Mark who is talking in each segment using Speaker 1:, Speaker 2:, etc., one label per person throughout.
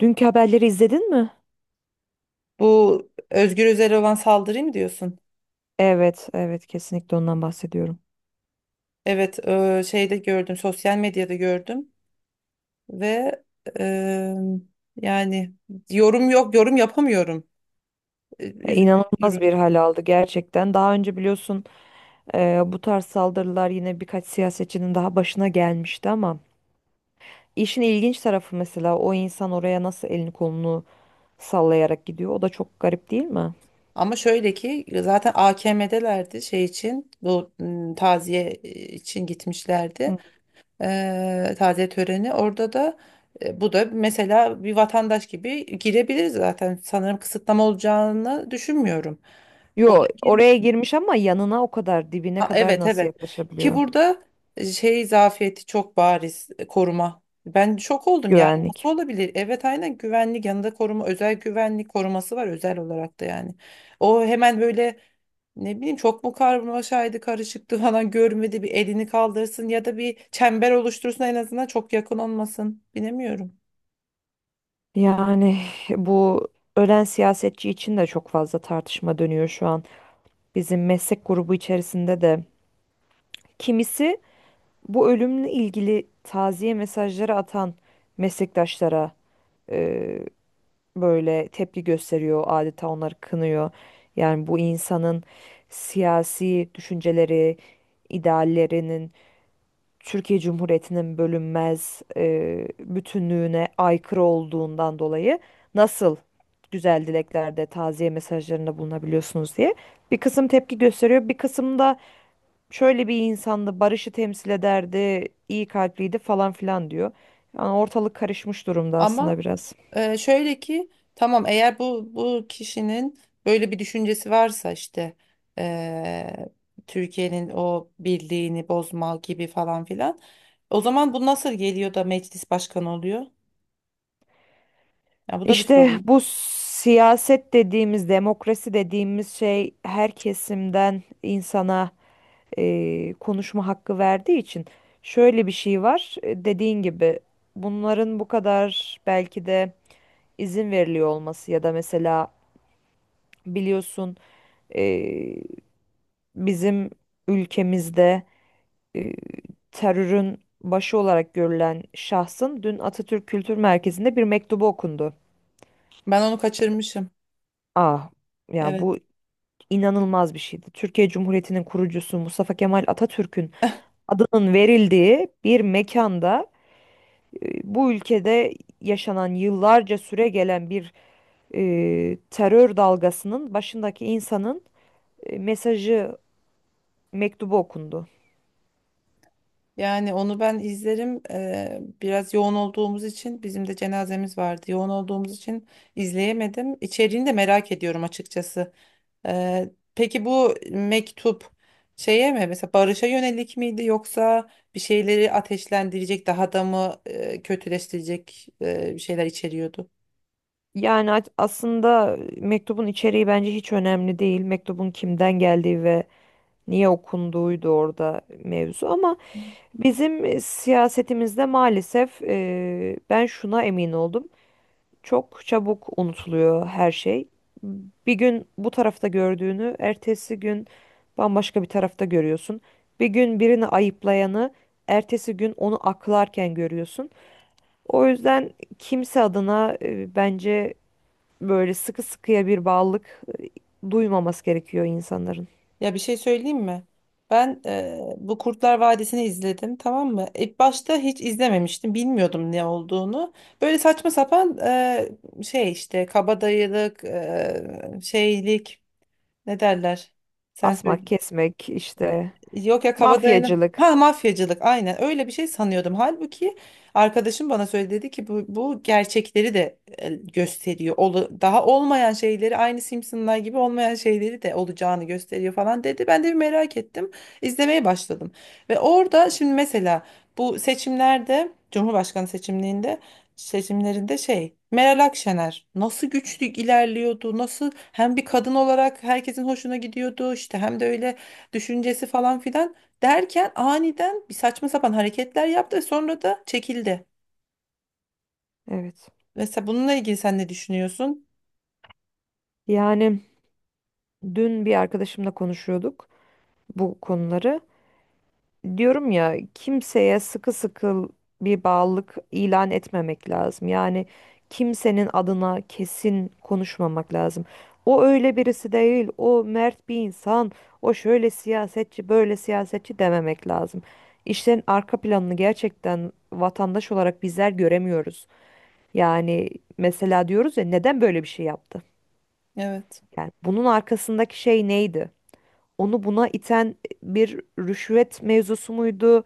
Speaker 1: Dünkü haberleri izledin mi?
Speaker 2: Bu Özgür Özel'e olan saldırı mı diyorsun?
Speaker 1: Evet, evet, kesinlikle ondan bahsediyorum.
Speaker 2: Evet, şeyde gördüm, sosyal medyada gördüm ve e, yani yorum yok, yorum yapamıyorum. E,
Speaker 1: Ya,
Speaker 2: Üzücü bir
Speaker 1: İnanılmaz
Speaker 2: durum.
Speaker 1: bir hal aldı gerçekten. Daha önce biliyorsun bu tarz saldırılar yine birkaç siyasetçinin daha başına gelmişti ama işin ilginç tarafı, mesela o insan oraya nasıl elini kolunu sallayarak gidiyor. O da çok garip değil mi?
Speaker 2: Ama şöyle ki zaten AKM'delerdi şey için bu taziye için gitmişlerdi.
Speaker 1: Hı.
Speaker 2: Taziye töreni orada da, bu da mesela bir vatandaş gibi girebilir zaten. Sanırım kısıtlama olacağını düşünmüyorum. O da,
Speaker 1: Yo, oraya girmiş ama yanına o kadar dibine
Speaker 2: ha,
Speaker 1: kadar
Speaker 2: evet
Speaker 1: nasıl
Speaker 2: evet, ki
Speaker 1: yaklaşabiliyor
Speaker 2: burada şey zafiyeti çok bariz, koruma. Ben şok oldum, yani nasıl
Speaker 1: güvenlik?
Speaker 2: olabilir? Evet, aynen, güvenlik yanında koruma, özel güvenlik koruması var özel olarak da yani. O hemen böyle ne bileyim, çok mu karmaşaydı, karışıktı falan, görmedi bir elini kaldırsın ya da bir çember oluştursun, en azından çok yakın olmasın, bilemiyorum.
Speaker 1: Yani bu ölen siyasetçi için de çok fazla tartışma dönüyor şu an. Bizim meslek grubu içerisinde de kimisi bu ölümle ilgili taziye mesajları atan meslektaşlara e, böyle tepki gösteriyor, adeta onları kınıyor. Yani bu insanın siyasi düşünceleri, ideallerinin Türkiye Cumhuriyeti'nin bölünmez bütünlüğüne aykırı olduğundan dolayı nasıl güzel dileklerde, taziye mesajlarında bulunabiliyorsunuz diye bir kısım tepki gösteriyor, bir kısım da şöyle bir insandı, barışı temsil ederdi, iyi kalpliydi falan filan diyor. Yani ortalık karışmış durumda
Speaker 2: Ama
Speaker 1: aslında biraz.
Speaker 2: Şöyle ki, tamam, eğer bu kişinin böyle bir düşüncesi varsa, işte eee, Türkiye'nin o birliğini bozma gibi falan filan, o zaman bu nasıl geliyor da meclis başkanı oluyor? Ya bu da bir
Speaker 1: İşte
Speaker 2: sorun.
Speaker 1: bu siyaset dediğimiz, demokrasi dediğimiz şey her kesimden insana konuşma hakkı verdiği için şöyle bir şey var. E, dediğin gibi bunların bu kadar belki de izin veriliyor olması ya da mesela biliyorsun, e, bizim ülkemizde e, terörün başı olarak görülen şahsın dün Atatürk Kültür Merkezi'nde bir mektubu okundu.
Speaker 2: Ben onu kaçırmışım.
Speaker 1: Ah, yani
Speaker 2: Evet.
Speaker 1: bu inanılmaz bir şeydi. Türkiye Cumhuriyeti'nin kurucusu Mustafa Kemal Atatürk'ün adının verildiği bir mekanda, bu ülkede yaşanan yıllarca süre gelen bir terör dalgasının başındaki insanın mesajı, mektubu okundu.
Speaker 2: Yani onu ben izlerim. Biraz yoğun olduğumuz için, bizim de cenazemiz vardı. Yoğun olduğumuz için izleyemedim. İçeriğini de merak ediyorum açıkçası. Peki bu mektup şeye mi, mesela barışa yönelik miydi yoksa bir şeyleri ateşlendirecek, daha da mı kötüleştirecek bir şeyler içeriyordu?
Speaker 1: Yani aslında mektubun içeriği bence hiç önemli değil. Mektubun kimden geldiği ve niye okunduğuydu orada mevzu ama bizim siyasetimizde maalesef, ben şuna emin oldum. Çok çabuk unutuluyor her şey. Bir gün bu tarafta gördüğünü, ertesi gün bambaşka bir tarafta görüyorsun. Bir gün birini ayıplayanı, ertesi gün onu aklarken görüyorsun. O yüzden kimse adına bence böyle sıkı sıkıya bir bağlılık duymaması gerekiyor insanların.
Speaker 2: Ya bir şey söyleyeyim mi? Ben bu Kurtlar Vadisi'ni izledim, tamam mı? İlk başta hiç izlememiştim, bilmiyordum ne olduğunu. Böyle saçma sapan şey, işte kabadayılık, şeylik, ne derler? Sen söyle.
Speaker 1: Asmak, kesmek, işte
Speaker 2: Yok ya, kabadayının
Speaker 1: mafyacılık.
Speaker 2: ha, mafyacılık, aynen öyle bir şey sanıyordum. Halbuki arkadaşım bana söyledi, dedi ki bu, gerçekleri de gösteriyor. Daha olmayan şeyleri, aynı Simpsonlar gibi olmayan şeyleri de olacağını gösteriyor falan dedi. Ben de bir merak ettim. İzlemeye başladım. Ve orada şimdi mesela bu seçimlerde Cumhurbaşkanı seçimlerinde şey, Meral Akşener nasıl güçlü ilerliyordu, nasıl hem bir kadın olarak herkesin hoşuna gidiyordu, işte hem de öyle düşüncesi falan filan derken aniden bir saçma sapan hareketler yaptı ve sonra da çekildi.
Speaker 1: Evet.
Speaker 2: Mesela bununla ilgili sen ne düşünüyorsun?
Speaker 1: Yani dün bir arkadaşımla konuşuyorduk bu konuları. Diyorum ya, kimseye sıkı sıkı bir bağlılık ilan etmemek lazım. Yani kimsenin adına kesin konuşmamak lazım. O öyle birisi değil, o mert bir insan, o şöyle siyasetçi, böyle siyasetçi dememek lazım. İşlerin arka planını gerçekten vatandaş olarak bizler göremiyoruz. Yani mesela diyoruz ya, neden böyle bir şey yaptı?
Speaker 2: Evet.
Speaker 1: Yani bunun arkasındaki şey neydi? Onu buna iten bir rüşvet mevzusu muydu?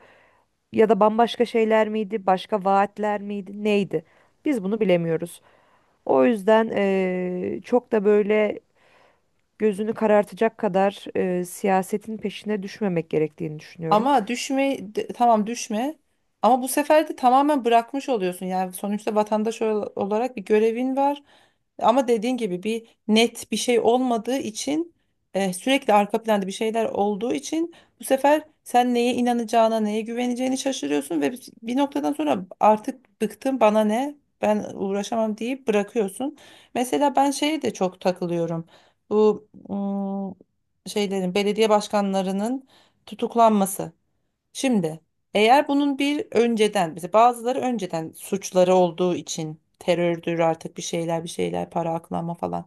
Speaker 1: Ya da bambaşka şeyler miydi, başka vaatler miydi, neydi? Biz bunu bilemiyoruz. O yüzden çok da böyle gözünü karartacak kadar siyasetin peşine düşmemek gerektiğini düşünüyorum.
Speaker 2: Ama tamam, düşme, ama bu sefer de tamamen bırakmış oluyorsun. Yani sonuçta olarak bir görevin var. Ama dediğin gibi bir net bir şey olmadığı için, sürekli arka planda bir şeyler olduğu için, bu sefer sen neye inanacağına, neye güveneceğini şaşırıyorsun ve bir noktadan sonra artık, bıktım, bana ne? Ben uğraşamam deyip bırakıyorsun. Mesela ben şeye de çok takılıyorum. Bu şeylerin, belediye başkanlarının tutuklanması. Şimdi eğer bunun bir önceden, mesela bazıları önceden suçları olduğu için terördür, artık bir şeyler, para aklama falan.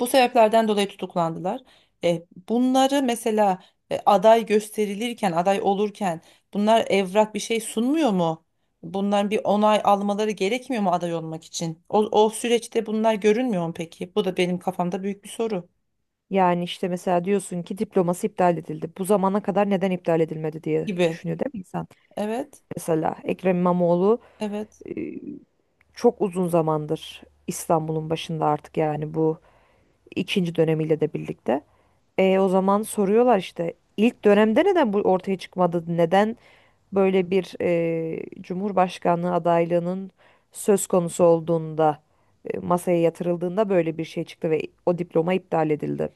Speaker 2: Bu sebeplerden dolayı tutuklandılar. Bunları mesela aday gösterilirken, aday olurken bunlar evrak bir şey sunmuyor mu? Bunların bir onay almaları gerekmiyor mu aday olmak için? O süreçte bunlar görünmüyor mu peki? Bu da benim kafamda büyük bir soru
Speaker 1: Yani işte mesela diyorsun ki diploması iptal edildi. Bu zamana kadar neden iptal edilmedi diye
Speaker 2: gibi.
Speaker 1: düşünüyor değil mi insan?
Speaker 2: Evet,
Speaker 1: Mesela Ekrem İmamoğlu
Speaker 2: evet.
Speaker 1: eee, çok uzun zamandır İstanbul'un başında artık, yani bu ikinci dönemiyle de birlikte. E, o zaman soruyorlar işte, ilk dönemde neden bu ortaya çıkmadı? Neden böyle bir Cumhurbaşkanlığı adaylığının söz konusu olduğunda, masaya yatırıldığında böyle bir şey çıktı ve o diploma iptal edildi.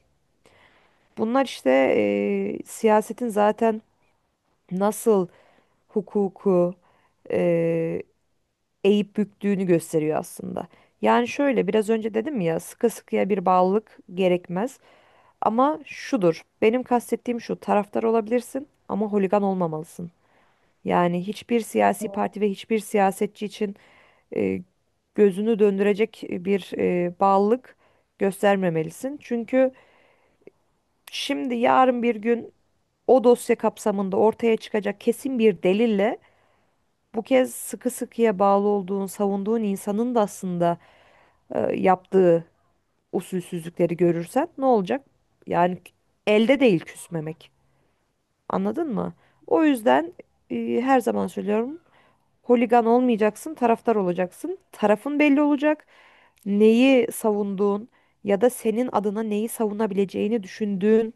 Speaker 1: Bunlar işte siyasetin zaten nasıl hukuku e, eğip büktüğünü gösteriyor aslında. Yani şöyle, biraz önce dedim ya, sıkı sıkıya bir bağlılık gerekmez. Ama şudur, benim kastettiğim şu, taraftar olabilirsin ama holigan olmamalısın. Yani hiçbir siyasi
Speaker 2: Evet.
Speaker 1: parti ve hiçbir siyasetçi için e, gözünü döndürecek bir bağlılık göstermemelisin. Çünkü şimdi yarın bir gün o dosya kapsamında ortaya çıkacak kesin bir delille bu kez sıkı sıkıya bağlı olduğun, savunduğun insanın da aslında yaptığı usulsüzlükleri görürsen ne olacak? Yani elde değil küsmemek. Anladın mı? O yüzden her zaman söylüyorum. Holigan olmayacaksın, taraftar olacaksın. Tarafın belli olacak. Neyi savunduğun ya da senin adına neyi savunabileceğini düşündüğün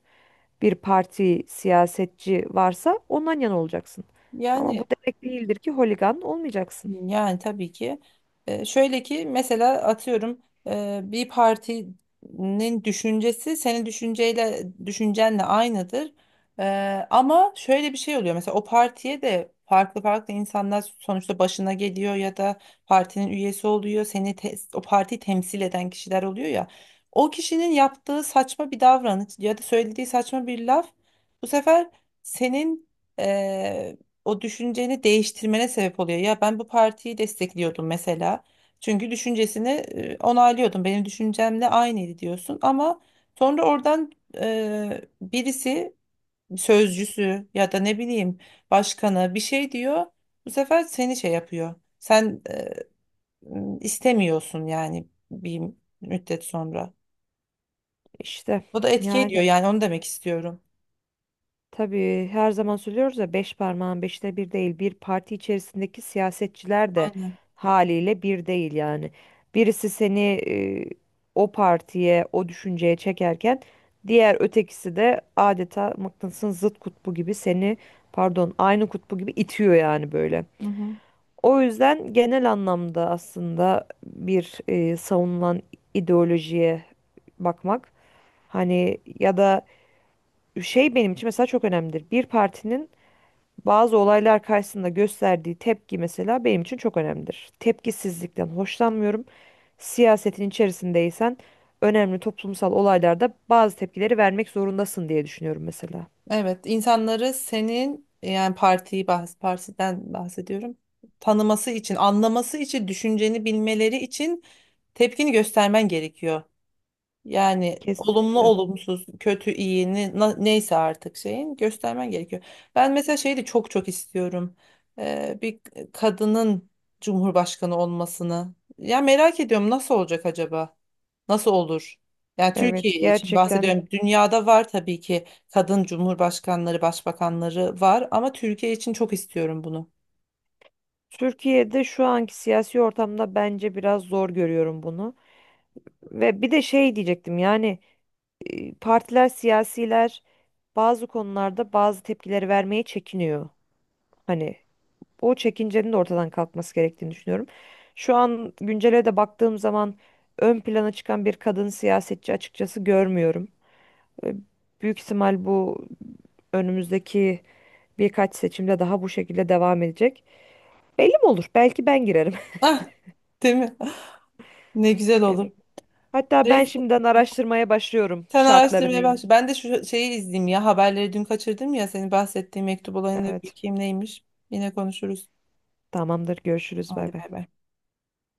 Speaker 1: bir parti, siyasetçi varsa ondan yana olacaksın. Ama bu
Speaker 2: Yani.
Speaker 1: demek değildir ki holigan olmayacaksın.
Speaker 2: Yani tabii ki. Şöyle ki mesela, atıyorum, bir partinin düşüncesi senin düşüncenle aynıdır. Ama şöyle bir şey oluyor. Mesela o partiye de farklı farklı insanlar sonuçta başına geliyor ya da partinin üyesi oluyor. O partiyi temsil eden kişiler oluyor ya. O kişinin yaptığı saçma bir davranış ya da söylediği saçma bir laf, bu sefer senin o düşünceni değiştirmene sebep oluyor. Ya ben bu partiyi destekliyordum mesela. Çünkü düşüncesini onaylıyordum. Benim düşüncemle aynıydı diyorsun ama sonra oradan birisi, sözcüsü ya da ne bileyim başkanı bir şey diyor. Bu sefer seni şey yapıyor. Sen istemiyorsun yani bir müddet sonra.
Speaker 1: İşte
Speaker 2: O da etki ediyor,
Speaker 1: yani
Speaker 2: yani onu demek istiyorum.
Speaker 1: tabii her zaman söylüyoruz ya, beş parmağın beşte bir değil. Bir parti içerisindeki siyasetçiler de
Speaker 2: Aynen.
Speaker 1: haliyle bir değil yani. Birisi seni o partiye, o düşünceye çekerken diğer ötekisi de adeta mıknatısın zıt kutbu gibi seni, pardon, aynı kutbu gibi itiyor yani böyle.
Speaker 2: Hı hı.
Speaker 1: O yüzden genel anlamda aslında bir savunulan ideolojiye bakmak, hani, ya da şey, benim için mesela çok önemlidir. Bir partinin bazı olaylar karşısında gösterdiği tepki mesela benim için çok önemlidir. Tepkisizlikten hoşlanmıyorum. Siyasetin içerisindeysen önemli toplumsal olaylarda bazı tepkileri vermek zorundasın diye düşünüyorum mesela.
Speaker 2: Evet, insanları senin, yani partiyi bahs partiden bahsediyorum. Tanıması için, anlaması için, düşünceni bilmeleri için tepkini göstermen gerekiyor. Yani olumlu
Speaker 1: Kesinlikle.
Speaker 2: olumsuz, kötü iyi, neyse artık şeyin göstermen gerekiyor. Ben mesela şeyi de çok çok istiyorum. Bir kadının cumhurbaşkanı olmasını. Ya merak ediyorum, nasıl olacak acaba? Nasıl olur? Yani
Speaker 1: Evet,
Speaker 2: Türkiye için
Speaker 1: gerçekten.
Speaker 2: bahsediyorum. Dünyada var tabii ki kadın cumhurbaşkanları, başbakanları var ama Türkiye için çok istiyorum bunu.
Speaker 1: Türkiye'de şu anki siyasi ortamda bence biraz zor görüyorum bunu. Ve bir de şey diyecektim, yani partiler, siyasiler bazı konularda bazı tepkileri vermeye çekiniyor. Hani o çekincenin de ortadan kalkması gerektiğini düşünüyorum. Şu an güncele de baktığım zaman ön plana çıkan bir kadın siyasetçi açıkçası görmüyorum. E, büyük ihtimal bu önümüzdeki birkaç seçimde daha bu şekilde devam edecek. Belli mi olur? Belki ben girerim.
Speaker 2: Ah, değil mi? Ne güzel olur.
Speaker 1: Evet. Hatta ben şimdiden araştırmaya başlıyorum
Speaker 2: Sen
Speaker 1: şartları
Speaker 2: araştırmaya
Speaker 1: neymiş.
Speaker 2: başla. Ben de şu şeyi izleyeyim ya. Haberleri dün kaçırdım ya. Senin bahsettiğin mektup olayını da bir
Speaker 1: Evet.
Speaker 2: bakayım neymiş. Yine konuşuruz.
Speaker 1: Tamamdır. Görüşürüz. Bay
Speaker 2: Hadi
Speaker 1: bay.
Speaker 2: bay bay.